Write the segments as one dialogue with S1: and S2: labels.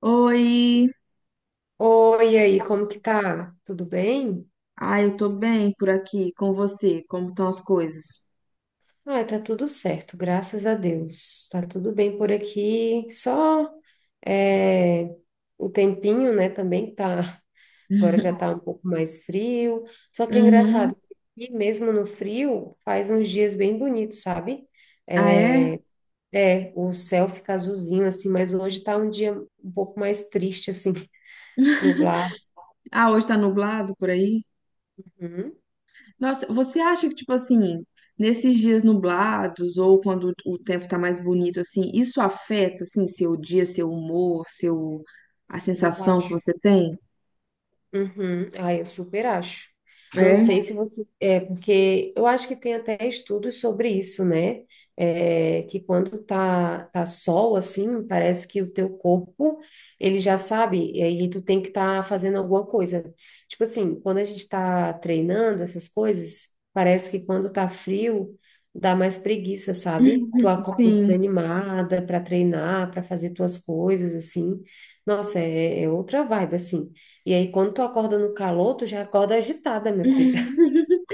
S1: Oi!
S2: Oi, e aí, como que tá? Tudo bem?
S1: Ai, eu tô bem por aqui com você. Como estão as coisas?
S2: Ah, tá tudo certo, graças a Deus. Tá tudo bem por aqui. Só é, o tempinho, né, também tá. Agora já tá um pouco mais frio. Só que é
S1: Uhum.
S2: engraçado que aqui, mesmo no frio, faz uns dias bem bonitos, sabe?
S1: Ah, é?
S2: É, o céu fica azulzinho, assim, mas hoje tá um dia um pouco mais triste, assim, nublado.
S1: Ah, hoje tá nublado por aí?
S2: Hum.
S1: Nossa, você acha que, tipo assim, nesses dias nublados ou quando o tempo tá mais bonito, assim, isso afeta, assim, seu dia, seu humor, seu... a
S2: Ah, eu
S1: sensação que
S2: acho.
S1: você tem?
S2: Uhum. Ah, eu super acho. Não
S1: É?
S2: sei se você. É, porque eu acho que tem até estudos sobre isso, né? É, que quando tá sol, assim, parece que o teu corpo, ele já sabe, e aí tu tem que estar fazendo alguma coisa. Tipo assim, quando a gente tá treinando essas coisas, parece que quando tá frio, dá mais preguiça, sabe? Tu acorda
S1: Sim,
S2: desanimada para treinar, para fazer tuas coisas, assim. Nossa, é outra vibe, assim. E aí, quando tu acorda no calor, tu já acorda agitada, minha filha.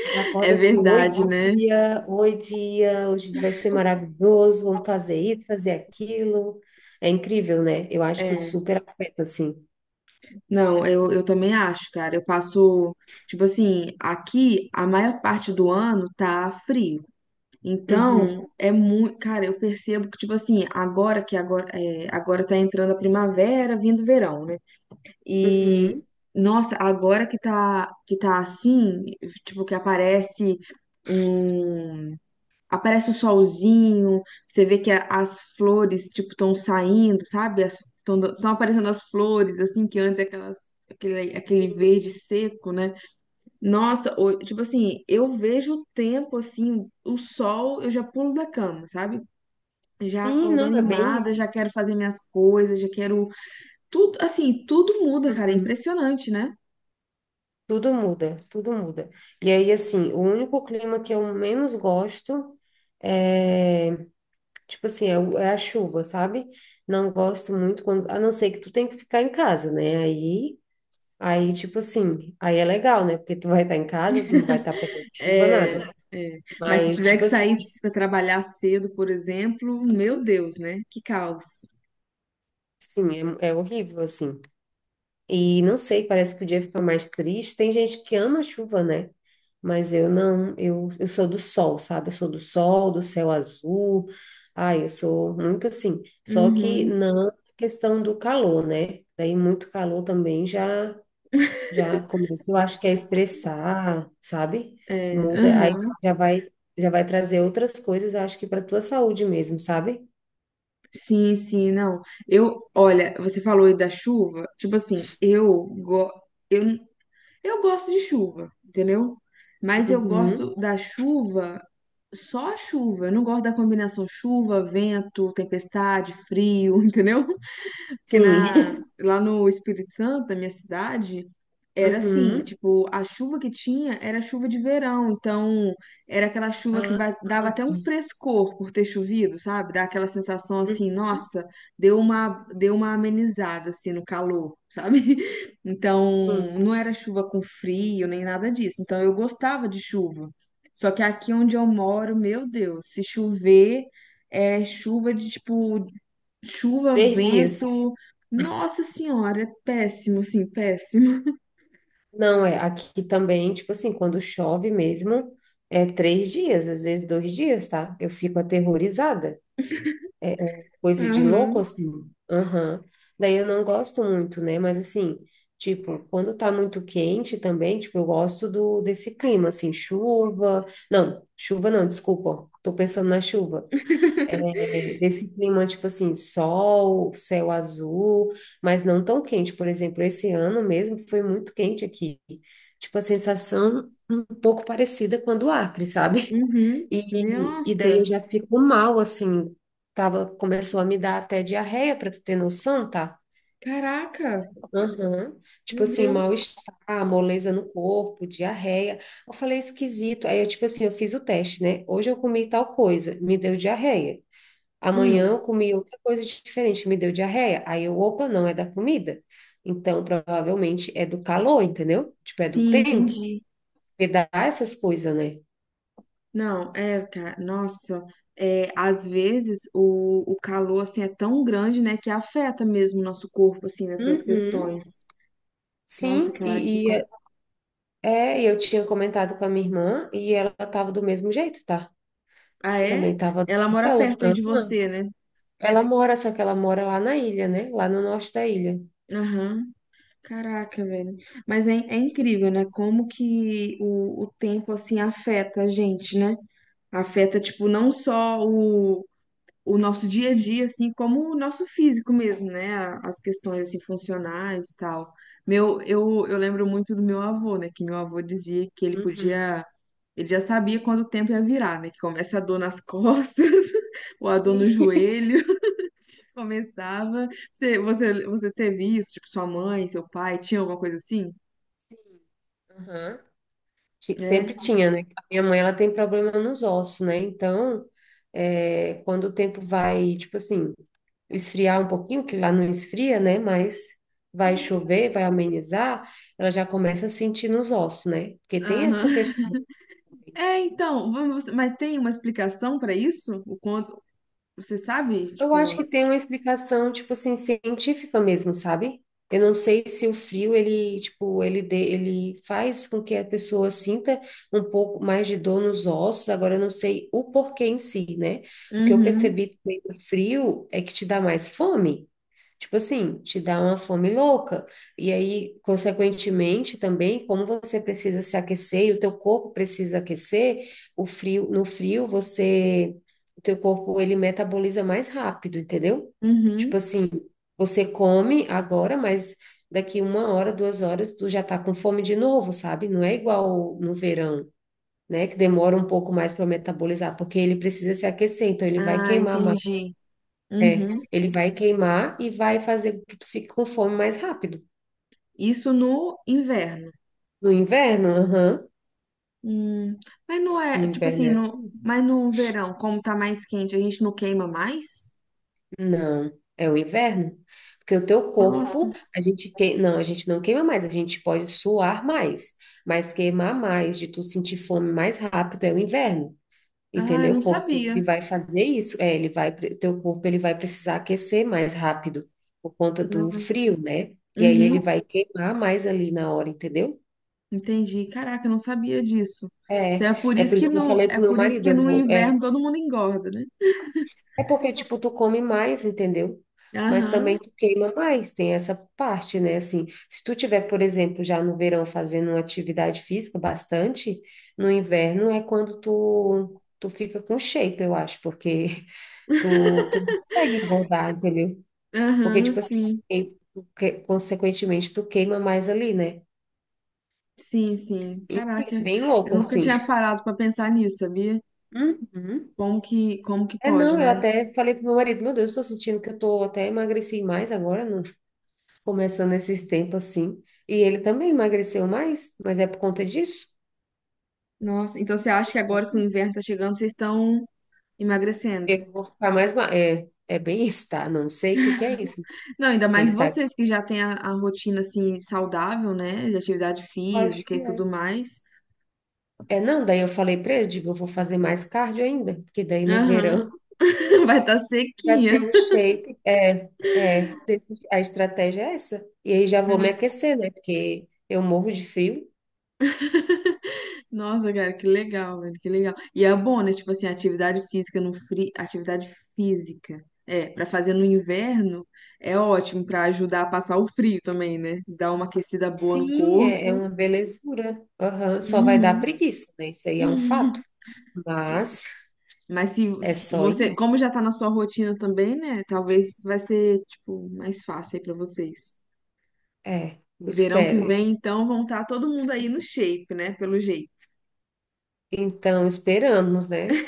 S2: Tu já
S1: é
S2: acorda assim,
S1: verdade, né?
S2: oi dia, hoje vai ser maravilhoso, vamos fazer isso, fazer aquilo. É incrível, né? Eu acho que
S1: É.
S2: super afeta, assim.
S1: Não, eu também acho, cara. Tipo assim, aqui a maior parte do ano tá frio.
S2: Uhum,
S1: Então, é muito, cara, eu percebo que, tipo assim, agora que agora, é, agora tá entrando a primavera, vindo o verão, né? E,
S2: uhum.
S1: nossa, agora que tá assim, tipo, que aparece um aparece o solzinho, você vê que as flores, tipo, estão saindo, sabe? Estão aparecendo as flores, assim, que antes é aquele
S2: Sim.
S1: verde seco, né? Nossa, tipo assim, eu vejo o tempo, assim, o sol, eu já pulo da cama, sabe? Já
S2: Sim,
S1: acordo
S2: não, é bem
S1: animada,
S2: isso.
S1: já quero fazer minhas coisas, já quero. Tudo, assim, tudo muda, cara. É
S2: Uhum.
S1: impressionante, né?
S2: Tudo muda, tudo muda. E aí, assim, o único clima que eu menos gosto é, tipo assim, é a chuva, sabe? Não gosto muito quando, a não ser que tu tem que ficar em casa, né? Aí, tipo assim, aí é legal, né? Porque tu vai estar em casa, tu não vai estar pegando chuva,
S1: É,
S2: nada.
S1: é. Mas se
S2: Mas,
S1: tiver que
S2: tipo assim,
S1: sair para trabalhar cedo, por exemplo, meu Deus, né? Que caos.
S2: sim, é horrível, assim. E não sei, parece que o dia fica mais triste. Tem gente que ama a chuva, né? Mas eu não, eu sou do sol, sabe? Eu sou do sol, do céu azul. Ai, eu sou muito assim. Só que
S1: Uhum,
S2: não a questão do calor, né? Daí muito calor também já. Já começa, eu acho que é estressar, sabe?
S1: é,
S2: Muda,
S1: aham,
S2: já vai, já vai trazer outras coisas, acho que para tua saúde mesmo, sabe?
S1: sim, sim, não. Eu, olha, você falou aí da chuva, tipo assim, eu, eu gosto de chuva, entendeu? Mas eu gosto
S2: Uhum.
S1: da chuva, só a chuva. Eu não gosto da combinação chuva, vento, tempestade, frio, entendeu?
S2: Sim.
S1: Lá no Espírito Santo, na minha cidade, era assim,
S2: Uhum.
S1: tipo, a chuva que tinha era chuva de verão, então era aquela chuva que
S2: Ah,
S1: dava
S2: ah,
S1: até um
S2: tá.
S1: frescor por ter chovido, sabe? Dá aquela sensação assim,
S2: Uhum.
S1: nossa, deu uma amenizada assim no calor, sabe? Então,
S2: Sim.
S1: não era chuva com frio nem nada disso. Então, eu gostava de chuva. Só que aqui onde eu moro, meu Deus, se chover, é chuva de chuva,
S2: Três dias.
S1: vento. Nossa senhora, é péssimo, sim, péssimo.
S2: Não, é, aqui também, tipo assim, quando chove mesmo, é três dias, às vezes dois dias, tá? Eu fico aterrorizada. Coisa de louco,
S1: Aham,
S2: assim. Aham. Daí eu não gosto muito, né? Mas assim, tipo, quando tá muito quente também, tipo, eu gosto do desse clima, assim, chuva. Não, chuva não, desculpa. Tô pensando na chuva. É, desse clima, tipo assim, sol, céu azul, mas não tão quente. Por exemplo, esse ano mesmo foi muito quente aqui. Tipo, a sensação um pouco parecida com a do Acre, sabe?
S1: uhum.
S2: E daí eu
S1: Nossa,
S2: já fico mal, assim, tava, começou a me dar até diarreia, para tu ter noção, tá?
S1: caraca,
S2: Aham. Tipo
S1: meu
S2: assim,
S1: Deus.
S2: mal-estar, moleza no corpo, diarreia. Eu falei, é esquisito. Aí eu, tipo assim, eu fiz o teste, né? Hoje eu comi tal coisa, me deu diarreia. Amanhã
S1: Hum,
S2: eu comi outra coisa diferente, me deu diarreia. Aí eu, opa, não é da comida. Então, provavelmente é do calor, entendeu? Tipo, é do
S1: sim,
S2: tempo.
S1: entendi.
S2: Porque dá essas coisas, né?
S1: Não, é, cara, nossa, é, às vezes o calor, assim, é tão grande, né, que afeta mesmo o nosso corpo, assim, nessas
S2: Uhum.
S1: questões. Nossa,
S2: Sim,
S1: que hora que...
S2: e,
S1: com-
S2: e É, e eu tinha comentado com a minha irmã e ela tava do mesmo jeito, tá?
S1: Ah, é?
S2: Também tava
S1: Ela mora
S2: dela.
S1: perto aí
S2: Hã?
S1: de você, né?
S2: Ela mora, só que ela mora lá na ilha, né? Lá no norte da ilha.
S1: Aham, caraca, velho. Mas é, é incrível, né, como que o tempo, assim, afeta a gente, né? Afeta, tipo, não só o nosso dia a dia, assim, como o nosso físico mesmo, né? As questões, assim, funcionais e tal. Meu, eu lembro muito do meu avô, né? Que meu avô dizia que ele
S2: Uhum.
S1: podia... Ele já sabia quando o tempo ia virar, né? Que começa a dor nas costas, ou a dor no
S2: Sim.
S1: joelho, começava. Você teve isso? Tipo, sua mãe, seu pai, tinha alguma coisa assim?
S2: Sim. Aham. Sempre
S1: É?
S2: tinha, né? A minha mãe, ela tem problema nos ossos, né? Então, é, quando o tempo vai, tipo assim, esfriar um pouquinho, que lá não esfria, né? Mas vai chover, vai amenizar, ela já começa a sentir nos ossos, né? Porque tem essa
S1: Aham.
S2: questão.
S1: É, então, vamos, mas tem uma explicação para isso? O quanto, você sabe?
S2: Eu acho
S1: Tipo,
S2: que tem uma explicação, tipo assim, científica mesmo, sabe? Eu não sei se o frio, ele, tipo, ele faz com que a pessoa sinta um pouco mais de dor nos ossos, agora eu não sei o porquê em si, né? O que eu
S1: uhum,
S2: percebi também do frio é que te dá mais fome. Tipo assim, te dá uma fome louca. E aí, consequentemente, também, como você precisa se aquecer e o teu corpo precisa aquecer, o frio, no frio você o teu corpo ele metaboliza mais rápido, entendeu? Tipo
S1: uhum.
S2: assim, você come agora, mas daqui uma hora, duas horas, tu já tá com fome de novo, sabe? Não é igual no verão, né? Que demora um pouco mais para metabolizar, porque ele precisa se aquecer, então ele vai
S1: Ah,
S2: queimar mais.
S1: entendi.
S2: É,
S1: Uhum.
S2: ele vai queimar e vai fazer com que tu fique com fome mais rápido.
S1: Isso no inverno.
S2: No inverno, aham.
S1: Hum, Mas não
S2: No
S1: é, tipo
S2: inverno
S1: assim,
S2: é assim.
S1: mas no verão, como tá mais quente, a gente não queima mais?
S2: Não, é o inverno. Porque o teu
S1: Nossa.
S2: corpo, não, a gente não queima mais, a gente pode suar mais, mas queimar mais, de tu sentir fome mais rápido é o inverno.
S1: Ah, eu
S2: Entendeu?
S1: não
S2: Porque
S1: sabia.
S2: ele vai fazer isso, é, teu corpo ele vai precisar aquecer mais rápido por conta do frio, né? E aí ele
S1: Uhum,
S2: vai queimar mais ali na hora, entendeu?
S1: entendi. Caraca, eu não sabia disso.
S2: É,
S1: Então é por
S2: é
S1: isso
S2: por
S1: que
S2: isso que eu
S1: no,
S2: falei
S1: é
S2: pro meu
S1: por isso
S2: marido,
S1: que no inverno todo mundo engorda, né?
S2: é porque, tipo, tu come mais, entendeu? Mas
S1: Aham,
S2: também tu queima mais, tem essa parte, né? Assim, se tu tiver, por exemplo, já no verão fazendo uma atividade física bastante, no inverno é quando tu fica com shape, eu acho, porque tu não consegue engordar, entendeu? Porque,
S1: aham,
S2: tipo assim,
S1: sim.
S2: e consequentemente, tu queima mais ali, né?
S1: Sim, sim.
S2: Enfim, é
S1: Caraca,
S2: bem
S1: eu
S2: louco,
S1: nunca
S2: assim.
S1: tinha parado pra pensar nisso, sabia?
S2: Uhum.
S1: Como que
S2: É,
S1: pode,
S2: não, eu
S1: né?
S2: até falei pro meu marido, meu Deus, estou sentindo que eu tô até emagreci mais agora, começando esses tempos assim. E ele também emagreceu mais, mas é por conta disso.
S1: Nossa, então você acha que agora que o inverno tá chegando, vocês estão emagrecendo?
S2: Eu vou ficar mais. Ma- É, é bem isso, tá? Não sei o que que é isso.
S1: Não, ainda mais
S2: Ele tá.
S1: vocês que já têm a rotina assim saudável, né? De atividade
S2: Acho
S1: física
S2: que
S1: e
S2: é.
S1: tudo mais.
S2: É, não, daí eu falei pra ele, digo, eu vou fazer mais cardio ainda, porque daí no
S1: Aham.
S2: verão
S1: Vai estar
S2: vai ter
S1: sequinha.
S2: um shape. A estratégia é essa. E aí já vou me aquecer, né? Porque eu morro de frio.
S1: Nossa, cara, que legal, velho, que legal. E é bom, né? Tipo assim, atividade física no frio, atividade física. É, pra fazer no inverno é ótimo pra ajudar a passar o frio também, né? Dar uma aquecida boa no
S2: Sim, é, é
S1: corpo.
S2: uma belezura. Aham. Só vai dar
S1: Uhum.
S2: preguiça, né? Isso aí é um fato. Mas
S1: Mas se
S2: é só
S1: você,
S2: ir.
S1: como já tá na sua rotina também, né? Talvez vai ser, tipo, mais fácil aí pra vocês.
S2: É,
S1: Verão que
S2: espero. es-
S1: vem, então, vão estar todo mundo aí no shape, né? Pelo jeito.
S2: Então, esperamos, né?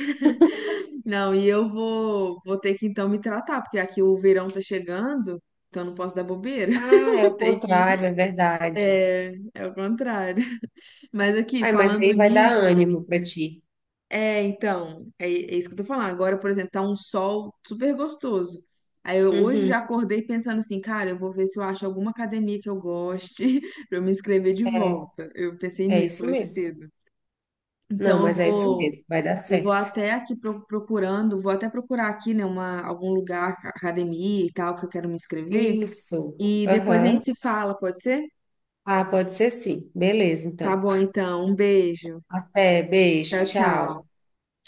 S1: Não, e vou ter que então me tratar, porque aqui o verão tá chegando, então eu não posso dar bobeira.
S2: Ah, é
S1: Vou
S2: o
S1: ter que.
S2: contrário, é verdade.
S1: É, é o contrário. Mas aqui,
S2: Ai, mas
S1: falando
S2: aí vai dar
S1: nisso.
S2: ânimo para ti.
S1: É, então, é, é isso que eu tô falando. Agora, por exemplo, tá um sol super gostoso. Aí eu hoje
S2: Uhum,
S1: já acordei pensando assim, cara, eu vou ver se eu acho alguma academia que eu goste pra eu me inscrever de
S2: é,
S1: volta. Eu pensei
S2: é
S1: nisso
S2: isso
S1: hoje
S2: mesmo.
S1: cedo.
S2: Não,
S1: Então
S2: mas é isso mesmo, vai dar
S1: eu vou
S2: certo.
S1: até aqui procurando, vou até procurar aqui, né, uma, algum lugar, academia e tal, que eu quero me inscrever.
S2: Isso.
S1: E depois a gente
S2: Aham.
S1: se fala, pode ser?
S2: Ah, pode ser sim. Beleza,
S1: Tá
S2: então.
S1: bom, então. Um beijo.
S2: Até, beijo,
S1: Tchau, tchau.
S2: tchau.